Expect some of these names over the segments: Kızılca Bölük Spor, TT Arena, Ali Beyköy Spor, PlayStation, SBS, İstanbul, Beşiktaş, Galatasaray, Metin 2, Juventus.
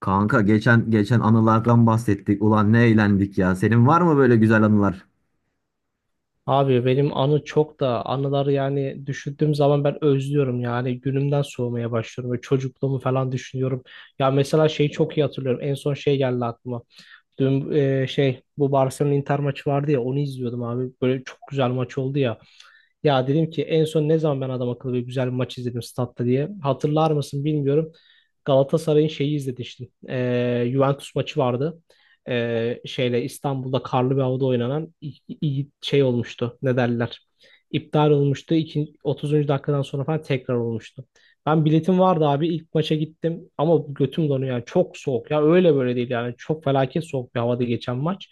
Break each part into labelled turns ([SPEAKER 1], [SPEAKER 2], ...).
[SPEAKER 1] Kanka geçen anılardan bahsettik. Ulan ne eğlendik ya. Senin var mı böyle güzel anılar?
[SPEAKER 2] Abi benim anı çok da anıları yani düşündüğüm zaman ben özlüyorum yani günümden soğumaya başlıyorum ve çocukluğumu falan düşünüyorum. Ya mesela şeyi çok iyi hatırlıyorum en son şey geldi aklıma. Dün şey bu Barcelona Inter maçı vardı ya onu izliyordum abi böyle çok güzel maç oldu ya. Ya dedim ki en son ne zaman ben adam akıllı bir güzel bir maç izledim statta diye. Hatırlar mısın bilmiyorum. Galatasaray'ın şeyi izlemiştim. Juventus maçı vardı. Şeyle İstanbul'da karlı bir havada oynanan şey olmuştu. Ne derler? İptal olmuştu. 30. dakikadan sonra falan tekrar olmuştu. Ben biletim vardı abi. İlk maça gittim ama götüm donuyor. Yani çok soğuk ya. Öyle böyle değil yani. Çok felaket soğuk bir havada geçen maç.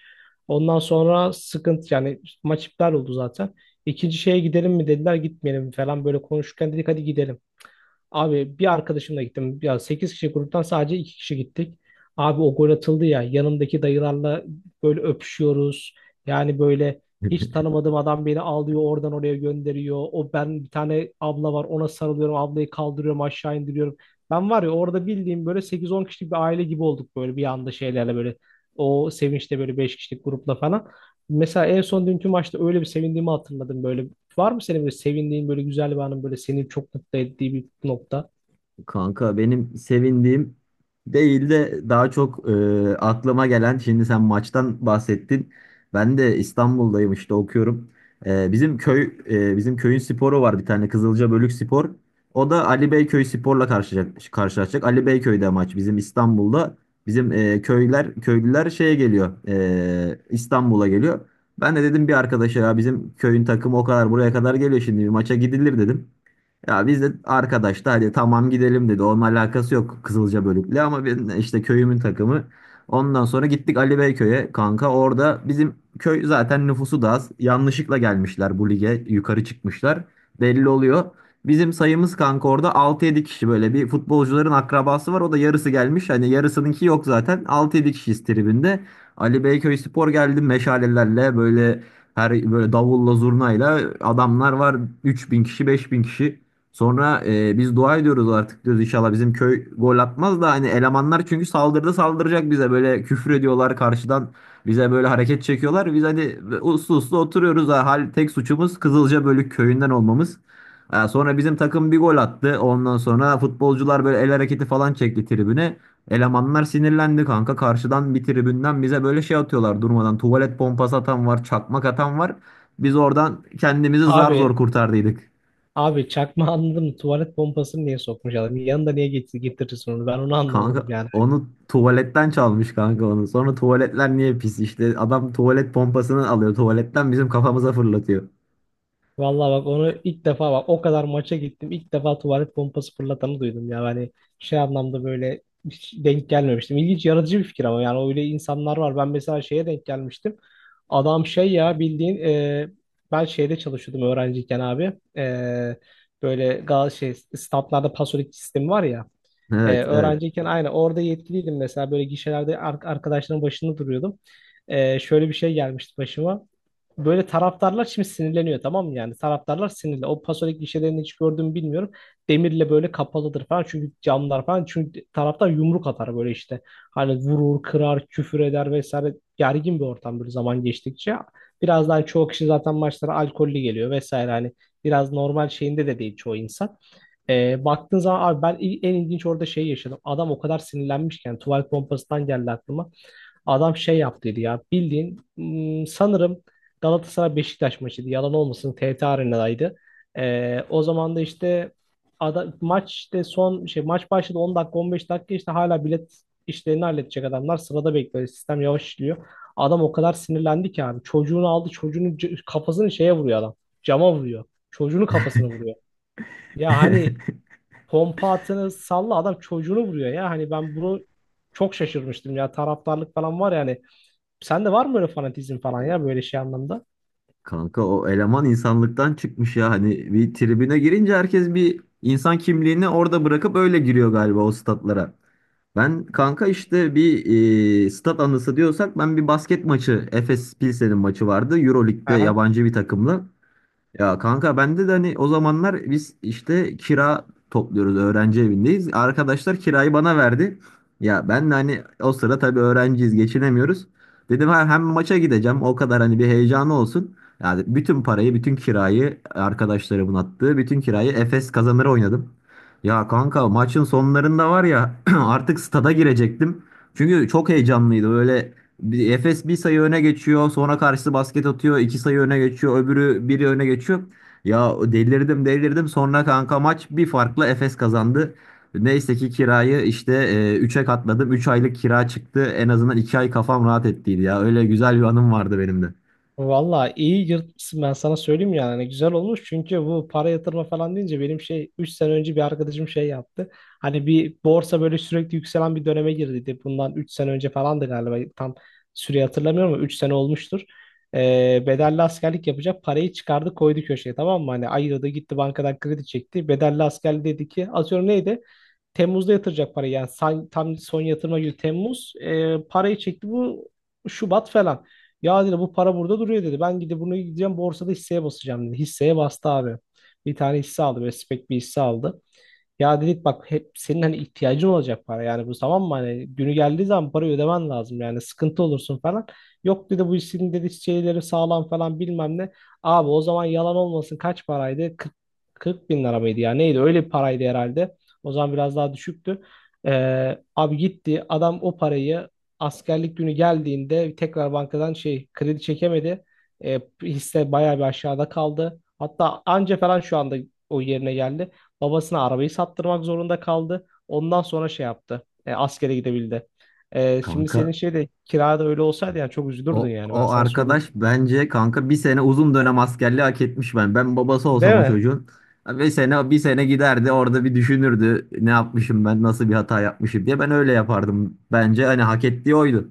[SPEAKER 2] Ondan sonra sıkıntı yani maç iptal oldu zaten. İkinci şeye gidelim mi dediler gitmeyelim falan böyle konuşurken dedik hadi gidelim. Abi bir arkadaşımla gittim. Ya 8 kişi gruptan sadece 2 kişi gittik. Abi o gol atıldı ya yanımdaki dayılarla böyle öpüşüyoruz. Yani böyle hiç tanımadığım adam beni alıyor oradan oraya gönderiyor. O ben bir tane abla var ona sarılıyorum ablayı kaldırıyorum aşağı indiriyorum. Ben var ya orada bildiğim böyle sekiz on kişilik bir aile gibi olduk böyle bir anda şeylerle böyle o sevinçte böyle 5 kişilik grupla falan. Mesela en son dünkü maçta öyle bir sevindiğimi hatırladım böyle. Var mı senin böyle sevindiğin böyle güzel bir anın böyle seni çok mutlu ettiği bir nokta?
[SPEAKER 1] Kanka benim sevindiğim değil de daha çok aklıma gelen şimdi sen maçtan bahsettin. Ben de İstanbul'dayım işte okuyorum. Bizim köy bizim köyün sporu var bir tane Kızılca Bölük Spor. O da Ali Beyköy Spor'la karşılaşacak. Ali Beyköy'de maç bizim İstanbul'da. Bizim köyler köylüler şeye geliyor. İstanbul'a geliyor. Ben de dedim bir arkadaşa ya bizim köyün takımı o kadar buraya kadar geliyor şimdi bir maça gidilir dedim. Ya biz de arkadaş da hadi tamam gidelim dedi. Onun alakası yok Kızılca bölükle ama ben işte köyümün takımı. Ondan sonra gittik Ali Beyköy'e kanka. Orada bizim köy zaten nüfusu da az. Yanlışlıkla gelmişler bu lige. Yukarı çıkmışlar. Belli oluyor. Bizim sayımız kanka orada altı yedi kişi böyle bir futbolcuların akrabası var. O da yarısı gelmiş. Hani yarısınınki yok zaten. Altı yedi kişiyiz tribinde. Ali Beyköy Spor geldi meşalelerle böyle her böyle davulla zurnayla adamlar var. 3000 kişi 5000 kişi. Sonra biz dua ediyoruz artık diyoruz inşallah bizim köy gol atmaz da hani elemanlar çünkü saldırıda saldıracak bize böyle küfür ediyorlar karşıdan bize böyle hareket çekiyorlar. Biz hani uslu uslu oturuyoruz ha, hal tek suçumuz Kızılca Bölük köyünden olmamız. Ha, sonra bizim takım bir gol attı. Ondan sonra futbolcular böyle el hareketi falan çekti tribüne. Elemanlar sinirlendi kanka. Karşıdan bir tribünden bize böyle şey atıyorlar durmadan. Tuvalet pompası atan var, çakmak atan var. Biz oradan kendimizi zar
[SPEAKER 2] Abi
[SPEAKER 1] zor kurtardıydık.
[SPEAKER 2] abi çakma anladın mı? Tuvalet pompasını niye sokmuş adam? Yanında niye getirirsin onu? Ben onu anlamadım
[SPEAKER 1] Kanka
[SPEAKER 2] yani.
[SPEAKER 1] onu tuvaletten çalmış kanka onu. Sonra tuvaletler niye pis? İşte adam tuvalet pompasını alıyor. Tuvaletten bizim kafamıza fırlatıyor.
[SPEAKER 2] Vallahi bak onu ilk defa bak o kadar maça gittim. İlk defa tuvalet pompası fırlatanı duydum ya. Hani şey anlamda böyle hiç denk gelmemiştim. İlginç yaratıcı bir fikir ama yani öyle insanlar var. Ben mesela şeye denk gelmiştim. Adam şey ya bildiğin ben şeyde çalışıyordum öğrenciyken abi. Böyle gal şey standlarda pasolik sistemi var ya.
[SPEAKER 1] Evet,
[SPEAKER 2] Evet,
[SPEAKER 1] evet.
[SPEAKER 2] öğrenciyken aynı orada yetkiliydim mesela böyle gişelerde arkadaşların başında duruyordum. Şöyle bir şey gelmişti başıma. Böyle taraftarlar şimdi sinirleniyor tamam mı? Yani taraftarlar sinirli. O Pasolik gişelerini hiç gördüğümü bilmiyorum. Demirle böyle kapalıdır falan. Çünkü camlar falan. Çünkü taraftar yumruk atar böyle işte. Hani vurur, kırar, küfür eder vesaire. Gergin bir ortam böyle zaman geçtikçe. Birazdan çoğu kişi zaten maçlara alkollü geliyor vesaire. Hani biraz normal şeyinde de değil çoğu insan. Baktığın zaman abi ben en ilginç orada şey yaşadım. Adam o kadar sinirlenmişken tuvalet pompasından geldi aklıma. Adam şey yaptıydı ya bildiğin sanırım Galatasaray Beşiktaş maçıydı. Yalan olmasın TT Arena'daydı. O zaman da işte maç işte son şey maç başladı 10 dakika 15 dakika işte hala bilet işlerini halledecek adamlar sırada bekliyor. Sistem yavaş işliyor. Adam o kadar sinirlendi ki abi çocuğunu aldı çocuğunun kafasını şeye vuruyor adam. Cama vuruyor. Çocuğunun kafasını vuruyor. Ya hani pompa atını salla adam çocuğunu vuruyor ya. Hani ben bunu çok şaşırmıştım ya taraftarlık falan var yani. Sende var mı böyle fanatizm falan ya böyle şey anlamda?
[SPEAKER 1] Kanka o eleman insanlıktan çıkmış ya. Hani bir tribüne girince herkes bir insan kimliğini orada bırakıp öyle giriyor galiba o statlara. Ben kanka işte bir stat anısı diyorsak ben bir basket maçı Efes Pilsen'in maçı vardı. Euroleague'de
[SPEAKER 2] Aha.
[SPEAKER 1] yabancı bir takımla. Ya kanka bende de hani o zamanlar biz işte kira topluyoruz öğrenci evindeyiz. Arkadaşlar kirayı bana verdi. Ya ben de hani o sıra tabii öğrenciyiz geçinemiyoruz. Dedim ha, hem maça gideceğim o kadar hani bir heyecanı olsun. Yani bütün parayı bütün kirayı arkadaşlarımın attığı bütün kirayı Efes kazanır oynadım. Ya kanka maçın sonlarında var ya artık stada girecektim. Çünkü çok heyecanlıydı böyle Efes bir sayı öne geçiyor. Sonra karşısı basket atıyor. İki sayı öne geçiyor. Öbürü biri öne geçiyor. Ya delirdim. Sonra kanka maç bir farkla Efes kazandı. Neyse ki kirayı işte 3'e katladım. Üç aylık kira çıktı. En azından 2 ay kafam rahat ettiydi ya. Öyle güzel bir anım vardı benim de.
[SPEAKER 2] Valla iyi yırtmışsın ben sana söyleyeyim yani. Hani güzel olmuş çünkü bu para yatırma falan deyince benim şey 3 sene önce bir arkadaşım şey yaptı. Hani bir borsa böyle sürekli yükselen bir döneme girdiydi. Bundan 3 sene önce falandı galiba tam süreyi hatırlamıyorum ama 3 sene olmuştur. Bedelli askerlik yapacak parayı çıkardı koydu köşeye tamam mı? Hani ayırdı gitti bankadan kredi çekti. Bedelli asker dedi ki atıyorum neydi? Temmuz'da yatıracak parayı yani tam son yatırma günü Temmuz, parayı çekti bu Şubat falan. Ya dedi bu para burada duruyor dedi. Ben gidip bunu gideceğim borsada hisseye basacağım dedi. Hisseye bastı abi. Bir tane hisse aldı böyle spek bir hisse aldı. Ya dedik bak hep senin hani ihtiyacın olacak para yani bu tamam mı hani günü geldiği zaman parayı ödemen lazım yani sıkıntı olursun falan. Yok dedi bu işin dedi şeyleri sağlam falan bilmem ne. Abi o zaman yalan olmasın kaç paraydı? 40 bin lira mıydı ya neydi öyle bir paraydı herhalde. O zaman biraz daha düşüktü. Abi gitti adam o parayı askerlik günü geldiğinde tekrar bankadan şey kredi çekemedi. Hisse bayağı bir aşağıda kaldı. Hatta anca falan şu anda o yerine geldi. Babasına arabayı sattırmak zorunda kaldı. Ondan sonra şey yaptı. Askere gidebildi. Şimdi
[SPEAKER 1] Kanka
[SPEAKER 2] senin şey de kirada öyle olsaydı yani çok üzülürdün
[SPEAKER 1] O,
[SPEAKER 2] yani ben
[SPEAKER 1] o
[SPEAKER 2] sana söyleyeyim.
[SPEAKER 1] arkadaş bence kanka bir sene uzun dönem askerliği hak etmiş ben. Ben babası olsam
[SPEAKER 2] Değil
[SPEAKER 1] o
[SPEAKER 2] mi?
[SPEAKER 1] çocuğun bir sene giderdi orada bir düşünürdü ne yapmışım ben nasıl bir hata yapmışım diye ben öyle yapardım bence hani hak ettiği oydu.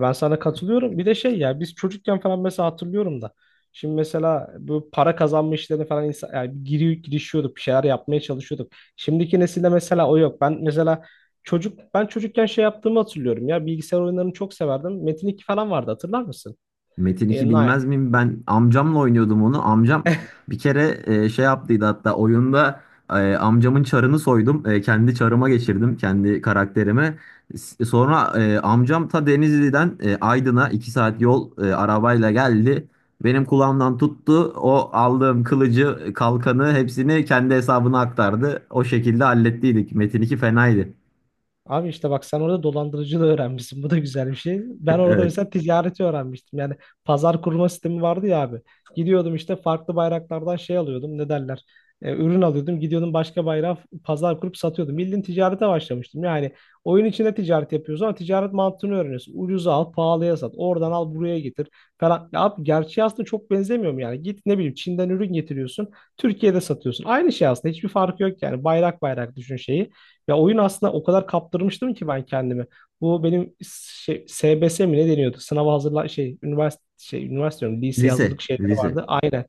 [SPEAKER 2] Ben sana katılıyorum. Bir de şey ya biz çocukken falan mesela hatırlıyorum da. Şimdi mesela bu para kazanma işlerini falan insan, yani giriyor, girişiyorduk, bir şeyler yapmaya çalışıyorduk. Şimdiki nesilde mesela o yok. Ben mesela ben çocukken şey yaptığımı hatırlıyorum ya bilgisayar oyunlarını çok severdim. Metin 2 falan vardı hatırlar mısın?
[SPEAKER 1] Metin
[SPEAKER 2] E,
[SPEAKER 1] 2
[SPEAKER 2] Ni-
[SPEAKER 1] bilmez miyim? Ben amcamla oynuyordum onu. Amcam bir kere şey yaptıydı hatta oyunda amcamın çarını soydum. Kendi çarıma geçirdim. Kendi karakterimi. Sonra amcam ta Denizli'den Aydın'a 2 saat yol arabayla geldi. Benim kulağımdan tuttu. O aldığım kılıcı, kalkanı hepsini kendi hesabına aktardı. O şekilde hallettiydik. Metin 2 fenaydı.
[SPEAKER 2] Abi işte bak sen orada dolandırıcılığı öğrenmişsin. Bu da güzel bir şey. Ben orada
[SPEAKER 1] Evet.
[SPEAKER 2] mesela ticareti öğrenmiştim. Yani pazar kurma sistemi vardı ya abi. Gidiyordum işte farklı bayraklardan şey alıyordum. Ne derler? Ürün alıyordum. Gidiyordum başka bayrağı pazar kurup satıyordum. Bildiğin ticarete başlamıştım. Yani oyun içinde ticaret yapıyoruz ama ticaret mantığını öğreniyorsun. Ucuza al, pahalıya sat. Oradan al, buraya getir falan. Ya abi gerçeği aslında çok benzemiyor mu yani? Git ne bileyim Çin'den ürün getiriyorsun. Türkiye'de satıyorsun. Aynı şey aslında. Hiçbir farkı yok yani. Bayrak bayrak düşün şeyi. Ya oyun aslında o kadar kaptırmıştım ki ben kendimi. Bu benim şey, SBS mi ne deniyordu? Sınava hazırlan şey üniversite şey üniversite diyorum, lise hazırlık
[SPEAKER 1] Lise.
[SPEAKER 2] şeyleri
[SPEAKER 1] Lise.
[SPEAKER 2] vardı. Aynen.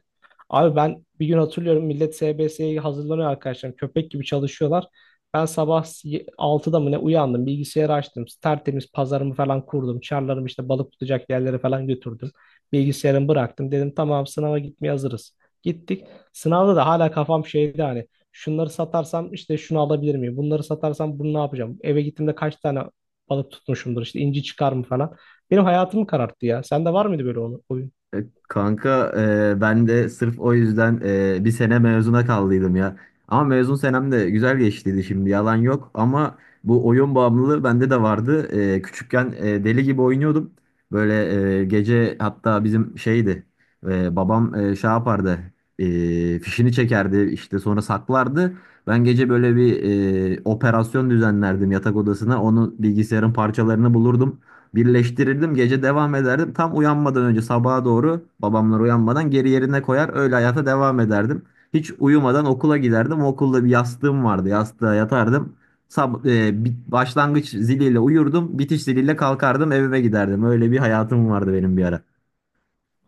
[SPEAKER 2] Abi ben bir gün hatırlıyorum millet SBS'ye hazırlanıyor arkadaşlar. Köpek gibi çalışıyorlar. Ben sabah 6'da mı ne uyandım. Bilgisayarı açtım. Tertemiz pazarımı falan kurdum. Çarlarımı işte balık tutacak yerlere falan götürdüm. Bilgisayarımı bıraktım. Dedim tamam sınava gitmeye hazırız. Gittik. Sınavda da hala kafam şeydi hani. Şunları satarsam işte şunu alabilir miyim? Bunları satarsam bunu ne yapacağım? Eve gittiğimde kaç tane balık tutmuşumdur? İşte inci çıkar mı falan. Benim hayatımı kararttı ya. Sende var mıydı böyle oyun?
[SPEAKER 1] Kanka ben de sırf o yüzden bir sene mezuna kaldıydım ya. Ama mezun senem de güzel geçtiydi şimdi yalan yok. Ama bu oyun bağımlılığı bende de vardı. Küçükken deli gibi oynuyordum. Böyle gece hatta bizim şeydi babam şey yapardı fişini çekerdi işte sonra saklardı. Ben gece böyle bir operasyon düzenlerdim yatak odasına. Onun bilgisayarın parçalarını bulurdum. Birleştirirdim gece devam ederdim. Tam uyanmadan önce sabaha doğru babamlar uyanmadan geri yerine koyar öyle hayata devam ederdim. Hiç uyumadan okula giderdim. Okulda bir yastığım vardı. Yastığa yatardım. Başlangıç ziliyle uyurdum. Bitiş ziliyle kalkardım evime giderdim. Öyle bir hayatım vardı benim bir ara.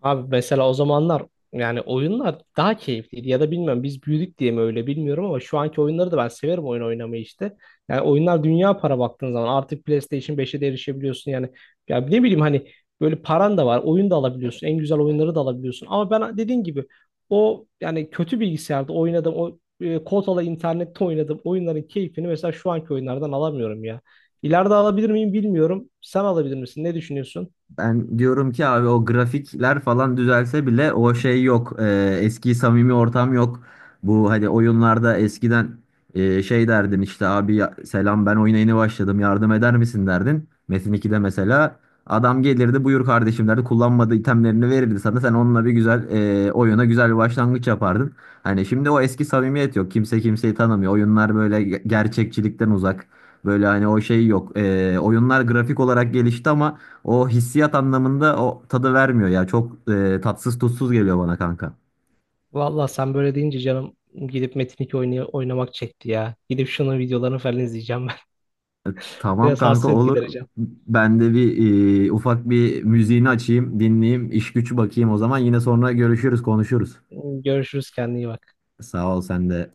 [SPEAKER 2] Abi mesela o zamanlar yani oyunlar daha keyifliydi ya da bilmiyorum biz büyüdük diye mi öyle bilmiyorum ama şu anki oyunları da ben severim oyun oynamayı işte. Yani oyunlar dünya para baktığın zaman artık PlayStation beşe de erişebiliyorsun yani. Ya ne bileyim hani böyle paran da var oyun da alabiliyorsun en güzel oyunları da alabiliyorsun. Ama ben dediğin gibi o yani kötü bilgisayarda oynadım o kotalı internette oynadığım oyunların keyfini mesela şu anki oyunlardan alamıyorum ya. İleride alabilir miyim bilmiyorum. Sen alabilir misin? Ne düşünüyorsun?
[SPEAKER 1] Ben diyorum ki abi o grafikler falan düzelse bile o şey yok. Eski samimi ortam yok. Bu hani oyunlarda eskiden şey derdin işte abi selam ben oyuna yeni başladım yardım eder misin derdin. Metin 2'de mesela adam gelirdi buyur kardeşim derdi kullanmadığı itemlerini verirdi sana sen onunla bir güzel oyuna güzel bir başlangıç yapardın. Hani şimdi o eski samimiyet yok kimse kimseyi tanımıyor oyunlar böyle gerçekçilikten uzak. Böyle hani o şey yok. Oyunlar grafik olarak gelişti ama o hissiyat anlamında o tadı vermiyor ya. Çok tatsız tutsuz geliyor bana kanka.
[SPEAKER 2] Valla sen böyle deyince canım gidip Metin 2 oynamak çekti ya. Gidip şunun videolarını falan izleyeceğim ben.
[SPEAKER 1] Tamam
[SPEAKER 2] Biraz tamam,
[SPEAKER 1] kanka
[SPEAKER 2] hasret
[SPEAKER 1] olur.
[SPEAKER 2] gidereceğim.
[SPEAKER 1] Ben de bir ufak bir müziğini açayım, dinleyeyim, iş güç bakayım o zaman. Yine sonra görüşürüz, konuşuruz.
[SPEAKER 2] Görüşürüz kendine iyi bak.
[SPEAKER 1] Sağ ol sen de.